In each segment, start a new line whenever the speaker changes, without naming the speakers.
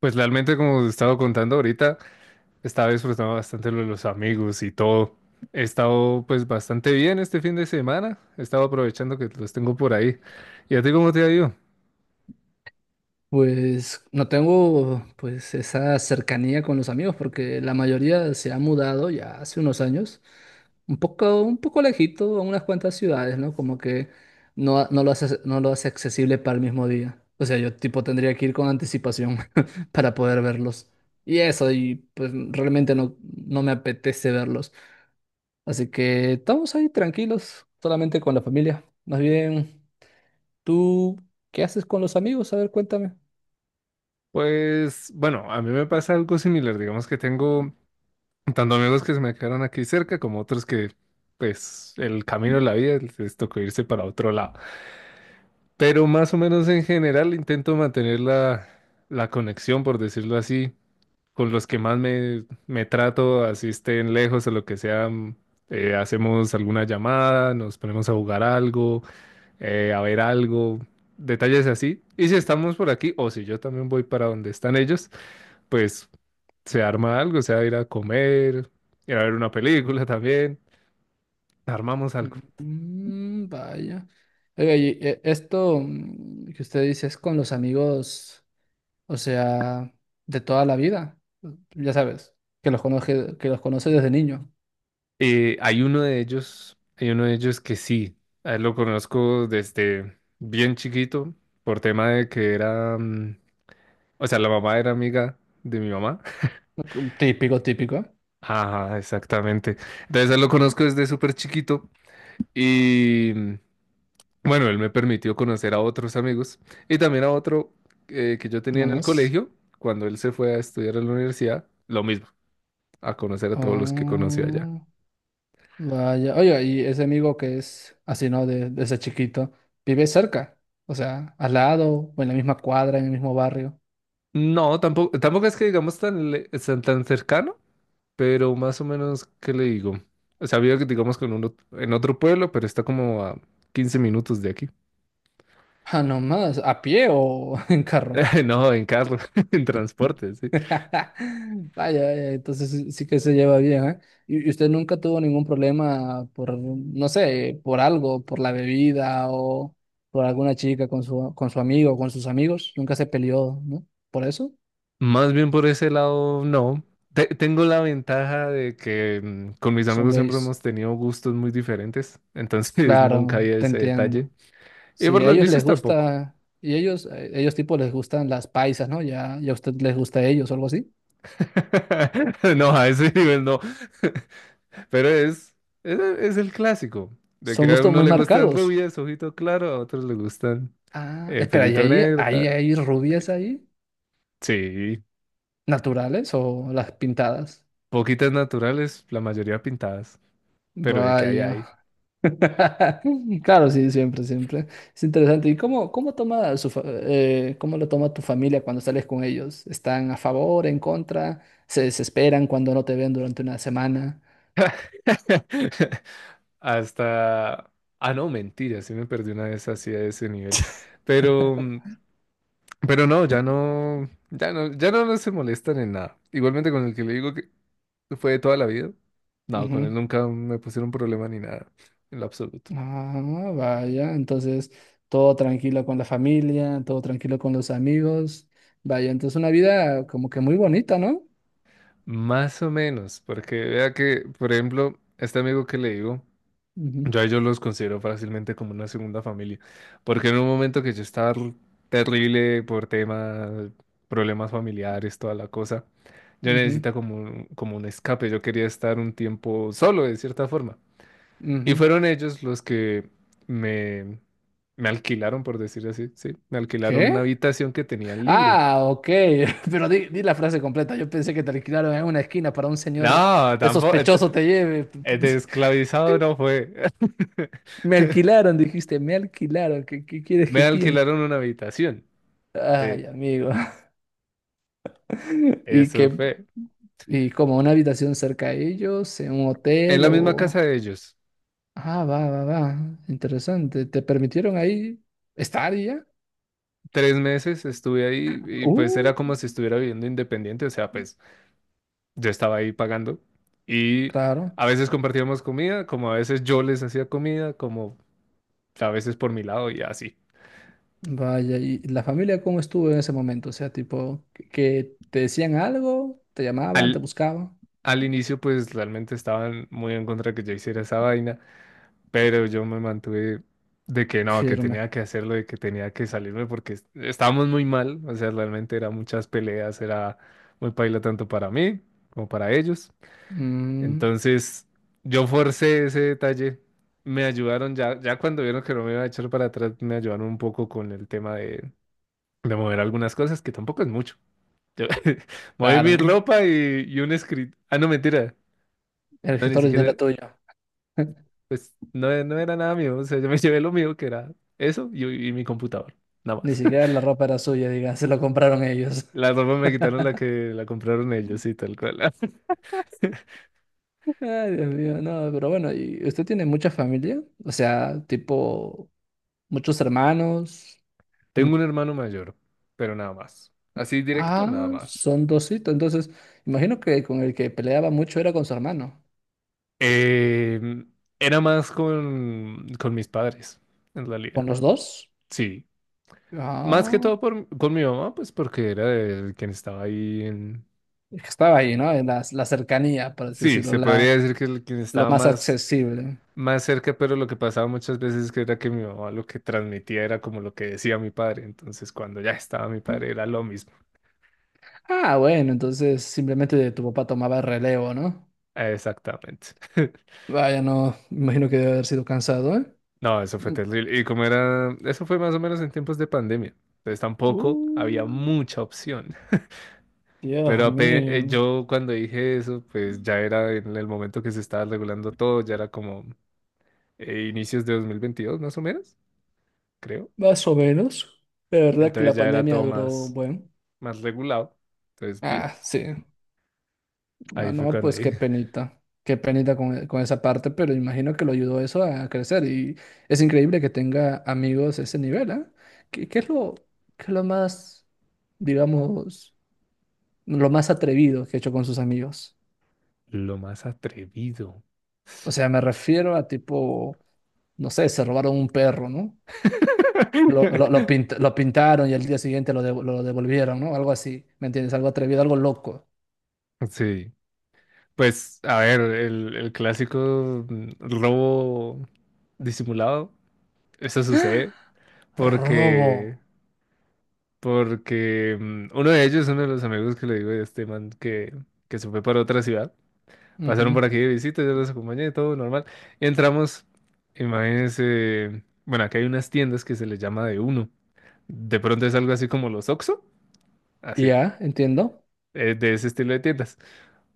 Pues realmente, como te estaba contando ahorita, estaba disfrutando bastante lo de los amigos y todo. He estado pues bastante bien este fin de semana. He estado aprovechando que los tengo por ahí. ¿Y a ti cómo te ha ido?
Pues no tengo pues esa cercanía con los amigos porque la mayoría se ha mudado ya hace unos años, un poco lejito a unas cuantas ciudades, ¿no? Como que no lo hace accesible para el mismo día. O sea, yo tipo tendría que ir con anticipación para poder verlos. Y eso, y pues realmente no me apetece verlos. Así que estamos ahí tranquilos, solamente con la familia. Más bien, ¿tú qué haces con los amigos? A ver, cuéntame.
Pues bueno, a mí me pasa algo similar. Digamos que tengo tanto amigos que se me quedaron aquí cerca como otros que pues el camino de la vida les tocó irse para otro lado. Pero más o menos en general intento mantener la conexión, por decirlo así, con los que más me trato, así estén lejos o lo que sea. Hacemos alguna llamada, nos ponemos a jugar algo, a ver algo, detalles así. Y si estamos por aquí, o si yo también voy para donde están ellos, pues se arma algo, sea ir a comer, ir a ver una película también, armamos algo.
Mm, vaya. Oiga, y, esto que usted dice es con los amigos, o sea, de toda la vida. Ya sabes, que los conoce desde niño.
Hay uno de ellos que sí, a él lo conozco desde bien chiquito, por tema de que o sea, la mamá era amiga de mi mamá.
Típico, típico, ¿eh?
Ajá, exactamente. Entonces, él lo conozco desde súper chiquito y bueno, él me permitió conocer a otros amigos y también a otro que yo tenía
No
en el
más.
colegio cuando él se fue a estudiar a la universidad. Lo mismo, a conocer a todos los que conocí allá.
Oh, vaya. Oiga, y ese amigo que es así, ¿no? Desde chiquito, vive cerca, o sea, al lado, o en la misma cuadra, en el mismo barrio.
No, tampoco es que digamos tan cercano, pero más o menos, ¿qué le digo? O sea, había que digamos, con uno en otro pueblo, pero está como a 15 minutos de aquí.
Ah, no más, ¿a pie o en carro?
No, en carro, en transporte, sí.
Vaya, vaya, entonces sí que se lleva bien, ¿eh? ¿Y usted nunca tuvo ningún problema por, no sé, por algo, por la bebida o por alguna chica con con su amigo o con sus amigos? ¿Nunca se peleó, ¿no? ¿Por eso?
Más bien por ese lado, no. Tengo la ventaja de que con mis
Son
amigos siempre
gays.
hemos tenido gustos muy diferentes, entonces nunca
Claro,
había
te
ese detalle.
entiendo.
Y
Sí,
por
a
los
ellos
vicios
les
tampoco.
gusta, y ellos, ellos tipo les gustan las paisas, ¿no? Ya, ya a usted les gusta a ellos o algo así.
No, a ese nivel no. Pero es el clásico, de
Son
que a
gustos
uno
muy
le gustan
marcados.
rubias, ojito claro, a otros le gustan
Ah, espera, ¿y
pelito negro,
ahí
tal.
hay rubias ahí?
Sí,
¿Naturales o las pintadas?
poquitas naturales, la mayoría pintadas, pero de que hay
Vaya.
hay.
Claro, sí, siempre, siempre. Es interesante. Cómo toma su cómo lo toma tu familia cuando sales con ellos? ¿Están a favor, en contra? ¿Se desesperan cuando no te ven durante una semana?
Hasta... Ah, no, mentira, sí me perdí una vez así a ese nivel. Pero, mm, pero no, ya no, ya no, ya no, no se molestan en nada. Igualmente con el que le digo que fue de toda la vida. No, con
Ujú.
él nunca me pusieron problema ni nada, en lo absoluto.
Ah, vaya. Entonces, todo tranquilo con la familia, todo tranquilo con los amigos. Vaya, entonces una vida como que muy bonita, ¿no?
Más o menos, porque vea que, por ejemplo, este amigo que le digo.
Ujú,
Yo a ellos los considero fácilmente como una segunda familia, porque en un momento que yo estaba terrible por temas, problemas familiares, toda la cosa. Yo
ujú,
necesitaba como un escape, yo quería estar un tiempo solo de cierta forma.
ujú.
Y fueron ellos los que me, me alquilaron, por decir así, sí, me alquilaron una
¿Qué?
habitación que tenían libre.
Ah, ok, pero di la frase completa. Yo pensé que te alquilaron en una esquina para un señor
No, tampoco,
sospechoso te lleve.
de esclavizado no fue.
Me alquilaron, dijiste, me alquilaron. Qué quieres
Me
que piense?
alquilaron una habitación. eh,
Ay, amigo. Y
Eso
que,
fue.
y como una habitación cerca de ellos, en un
En
hotel
la misma
o...
casa de ellos.
Ah, va, va, va. Interesante. ¿Te permitieron ahí estar y ya?
3 meses estuve ahí y pues
Uh,
era como si estuviera viviendo independiente, o sea, pues yo estaba ahí pagando y
claro.
a veces compartíamos comida, como a veces yo les hacía comida, como a veces por mi lado y así.
Vaya, ¿y la familia cómo estuvo en ese momento? O sea, tipo, que te decían algo, te llamaban, te
Al,
buscaban.
al inicio pues realmente estaban muy en contra de que yo hiciera esa vaina, pero yo me mantuve de que no, que
Firme.
tenía que hacerlo, de que tenía que salirme porque estábamos muy mal, o sea, realmente eran muchas peleas, era muy paila tanto para mí como para ellos.
Mm,
Entonces, yo forcé ese detalle. Me ayudaron ya, ya cuando vieron que no me iba a echar para atrás, me ayudaron un poco con el tema de mover algunas cosas, que tampoco es mucho. Yo moví mi
claro,
ropa y un script. Ah, no, mentira.
el
No, ni
gestor de dinero era
siquiera,
tuyo.
pues no, no era nada mío. O sea, yo me llevé lo mío, que era eso y mi computador. Nada
Ni
más.
siquiera la ropa era suya, diga, se lo compraron ellos.
La ropa me quitaron la que la compraron ellos y tal cual.
Ay, Dios mío, no, pero bueno, ¿y usted tiene mucha familia? O sea, tipo, muchos hermanos. mu-
Tengo un hermano mayor, pero nada más. Así directo,
Ah,
nada más.
son dositos. Entonces, imagino que con el que peleaba mucho era con su hermano.
Eh, era más con mis padres, en
¿Con
realidad.
los dos?
Sí. Más que
Ah,
todo con mi mamá, pues porque era el quien estaba ahí en.
es que estaba ahí, ¿no? En la cercanía, por así
Sí,
decirlo,
se
la,
podría decir que el quien
lo
estaba
más
más,
accesible.
más cerca, pero lo que pasaba muchas veces que era que mi mamá lo que transmitía era como lo que decía mi padre. Entonces, cuando ya estaba mi padre, era lo mismo.
Ah, bueno, entonces simplemente tu papá tomaba el relevo, ¿no?
Exactamente.
Vaya, no, me imagino que debe haber sido cansado, ¿eh?
No, eso fue
Mm.
terrible. Y como era, eso fue más o menos en tiempos de pandemia. Entonces tampoco había
Uh,
mucha opción. Pero
Dios mío,
yo cuando dije eso, pues ya era en el momento que se estaba regulando todo, ya era como inicios de 2022 más o menos, creo.
más o menos. De verdad que
Entonces
la
ya era
pandemia
todo
duró,
más,
bueno.
más regulado. Entonces, bien,
Ah, sí.
ahí
Ah,
fue
no,
cuando
pues qué
dije,
penita. Qué penita con, con esa parte, pero imagino que lo ayudó eso a crecer. Y es increíble que tenga amigos a ese nivel, ¿eh? ¿Qué, qué es lo, qué es lo más, digamos, lo más atrevido que ha hecho con sus amigos?
lo más atrevido.
O sea, me refiero a tipo, no sé, se robaron un perro, ¿no? Lo pintaron y al día siguiente lo devolvieron, ¿no? Algo así, ¿me entiendes? Algo atrevido, algo loco.
Sí, pues a ver, el clásico robo disimulado, eso sucede
Robo.
porque Porque uno de ellos, uno de los amigos que le digo, este man que se fue para otra ciudad, pasaron
Ujú.
por aquí de visita, yo los acompañé, todo normal. Y entramos, imagínense, bueno, aquí hay unas tiendas que se les llama de uno. De pronto es algo así como los Oxxo,
Y
así,
ya, entiendo.
de ese estilo de tiendas.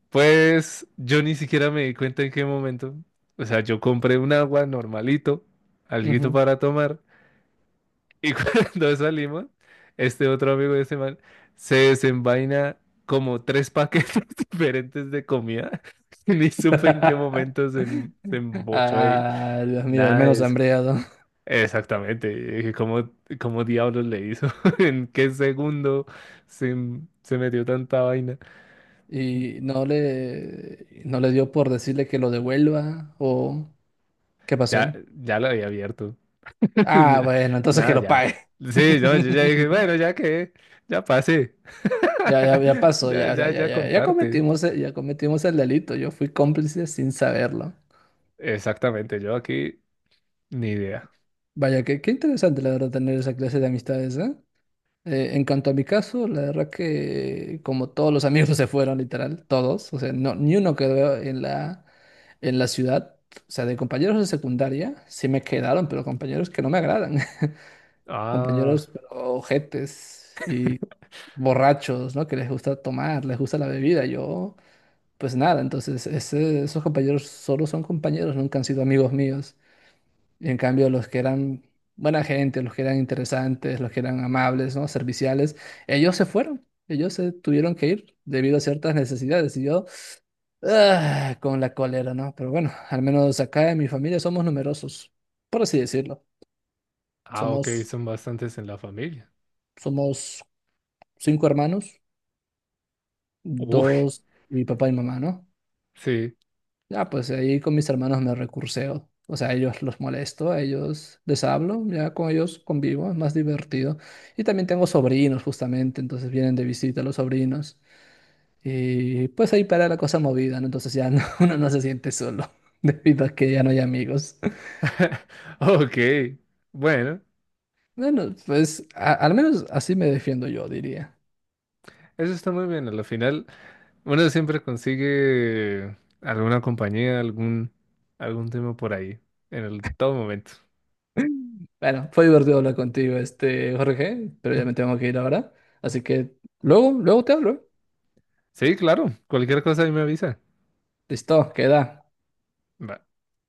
Pues yo ni siquiera me di cuenta en qué momento. O sea, yo compré un agua normalito, alguito
Ujú.
para tomar. Y cuando salimos, este otro amigo de ese man se desenvaina como tres paquetes diferentes de comida. Ni supe en qué momento se embochó ahí.
Ah, Dios mío, al
Nada de
menos
eso.
hambreado.
Exactamente. Y dije, ¿cómo, cómo diablos le hizo? ¿En qué segundo se metió tanta vaina?
Y no le dio por decirle que lo devuelva o ¿qué pasó
Ya,
ahí?
ya lo había abierto.
Ah, bueno, entonces que
Nada,
lo
ya.
pague.
Sí, no, yo ya dije, bueno, ya que, ya pasé.
Ya pasó,
Ya,
ya, ya,
ya,
ya,
ya
ya, ya
comparte.
ya cometimos el delito. Yo fui cómplice sin saberlo.
Exactamente, yo aquí ni idea.
Vaya, qué interesante la verdad tener esa clase de amistades, ¿eh? En cuanto a mi caso, la verdad que como todos los amigos se fueron, literal, todos, o sea, no, ni uno quedó en en la ciudad, o sea, de compañeros de secundaria sí me quedaron, pero compañeros que no me agradan,
Ah,
compañeros pero ojetes y borrachos, ¿no? Que les gusta tomar, les gusta la bebida, yo, pues nada, entonces esos compañeros solo son compañeros, nunca han sido amigos míos. Y en cambio, los que eran buena gente, los que eran interesantes, los que eran amables, ¿no? Serviciales, ellos se fueron. Ellos se tuvieron que ir debido a ciertas necesidades. Y yo, ah, con la cólera, ¿no? Pero bueno, al menos acá en mi familia somos numerosos, por así decirlo.
ah, ok,
Somos,
son bastantes en la familia.
somos 5 hermanos,
Uy,
dos, mi papá y mamá, ¿no?
sí.
Ya, pues ahí con mis hermanos me recurseo. O sea, a ellos los molesto, a ellos les hablo, ya con ellos convivo, es más divertido. Y también tengo sobrinos, justamente, entonces vienen de visita los sobrinos. Y pues ahí para la cosa movida, ¿no? Entonces uno no se siente solo, debido a que ya no hay amigos.
Ok, bueno,
Bueno, pues al menos así me defiendo yo, diría.
eso está muy bien. Al final, uno siempre consigue alguna compañía, algún, tema por ahí, en el todo momento.
Bueno, fue divertido hablar contigo, este Jorge, pero ya me tengo que ir ahora. Así que luego, luego te hablo.
Sí, claro, cualquier cosa ahí me avisa.
Listo, queda.
Va.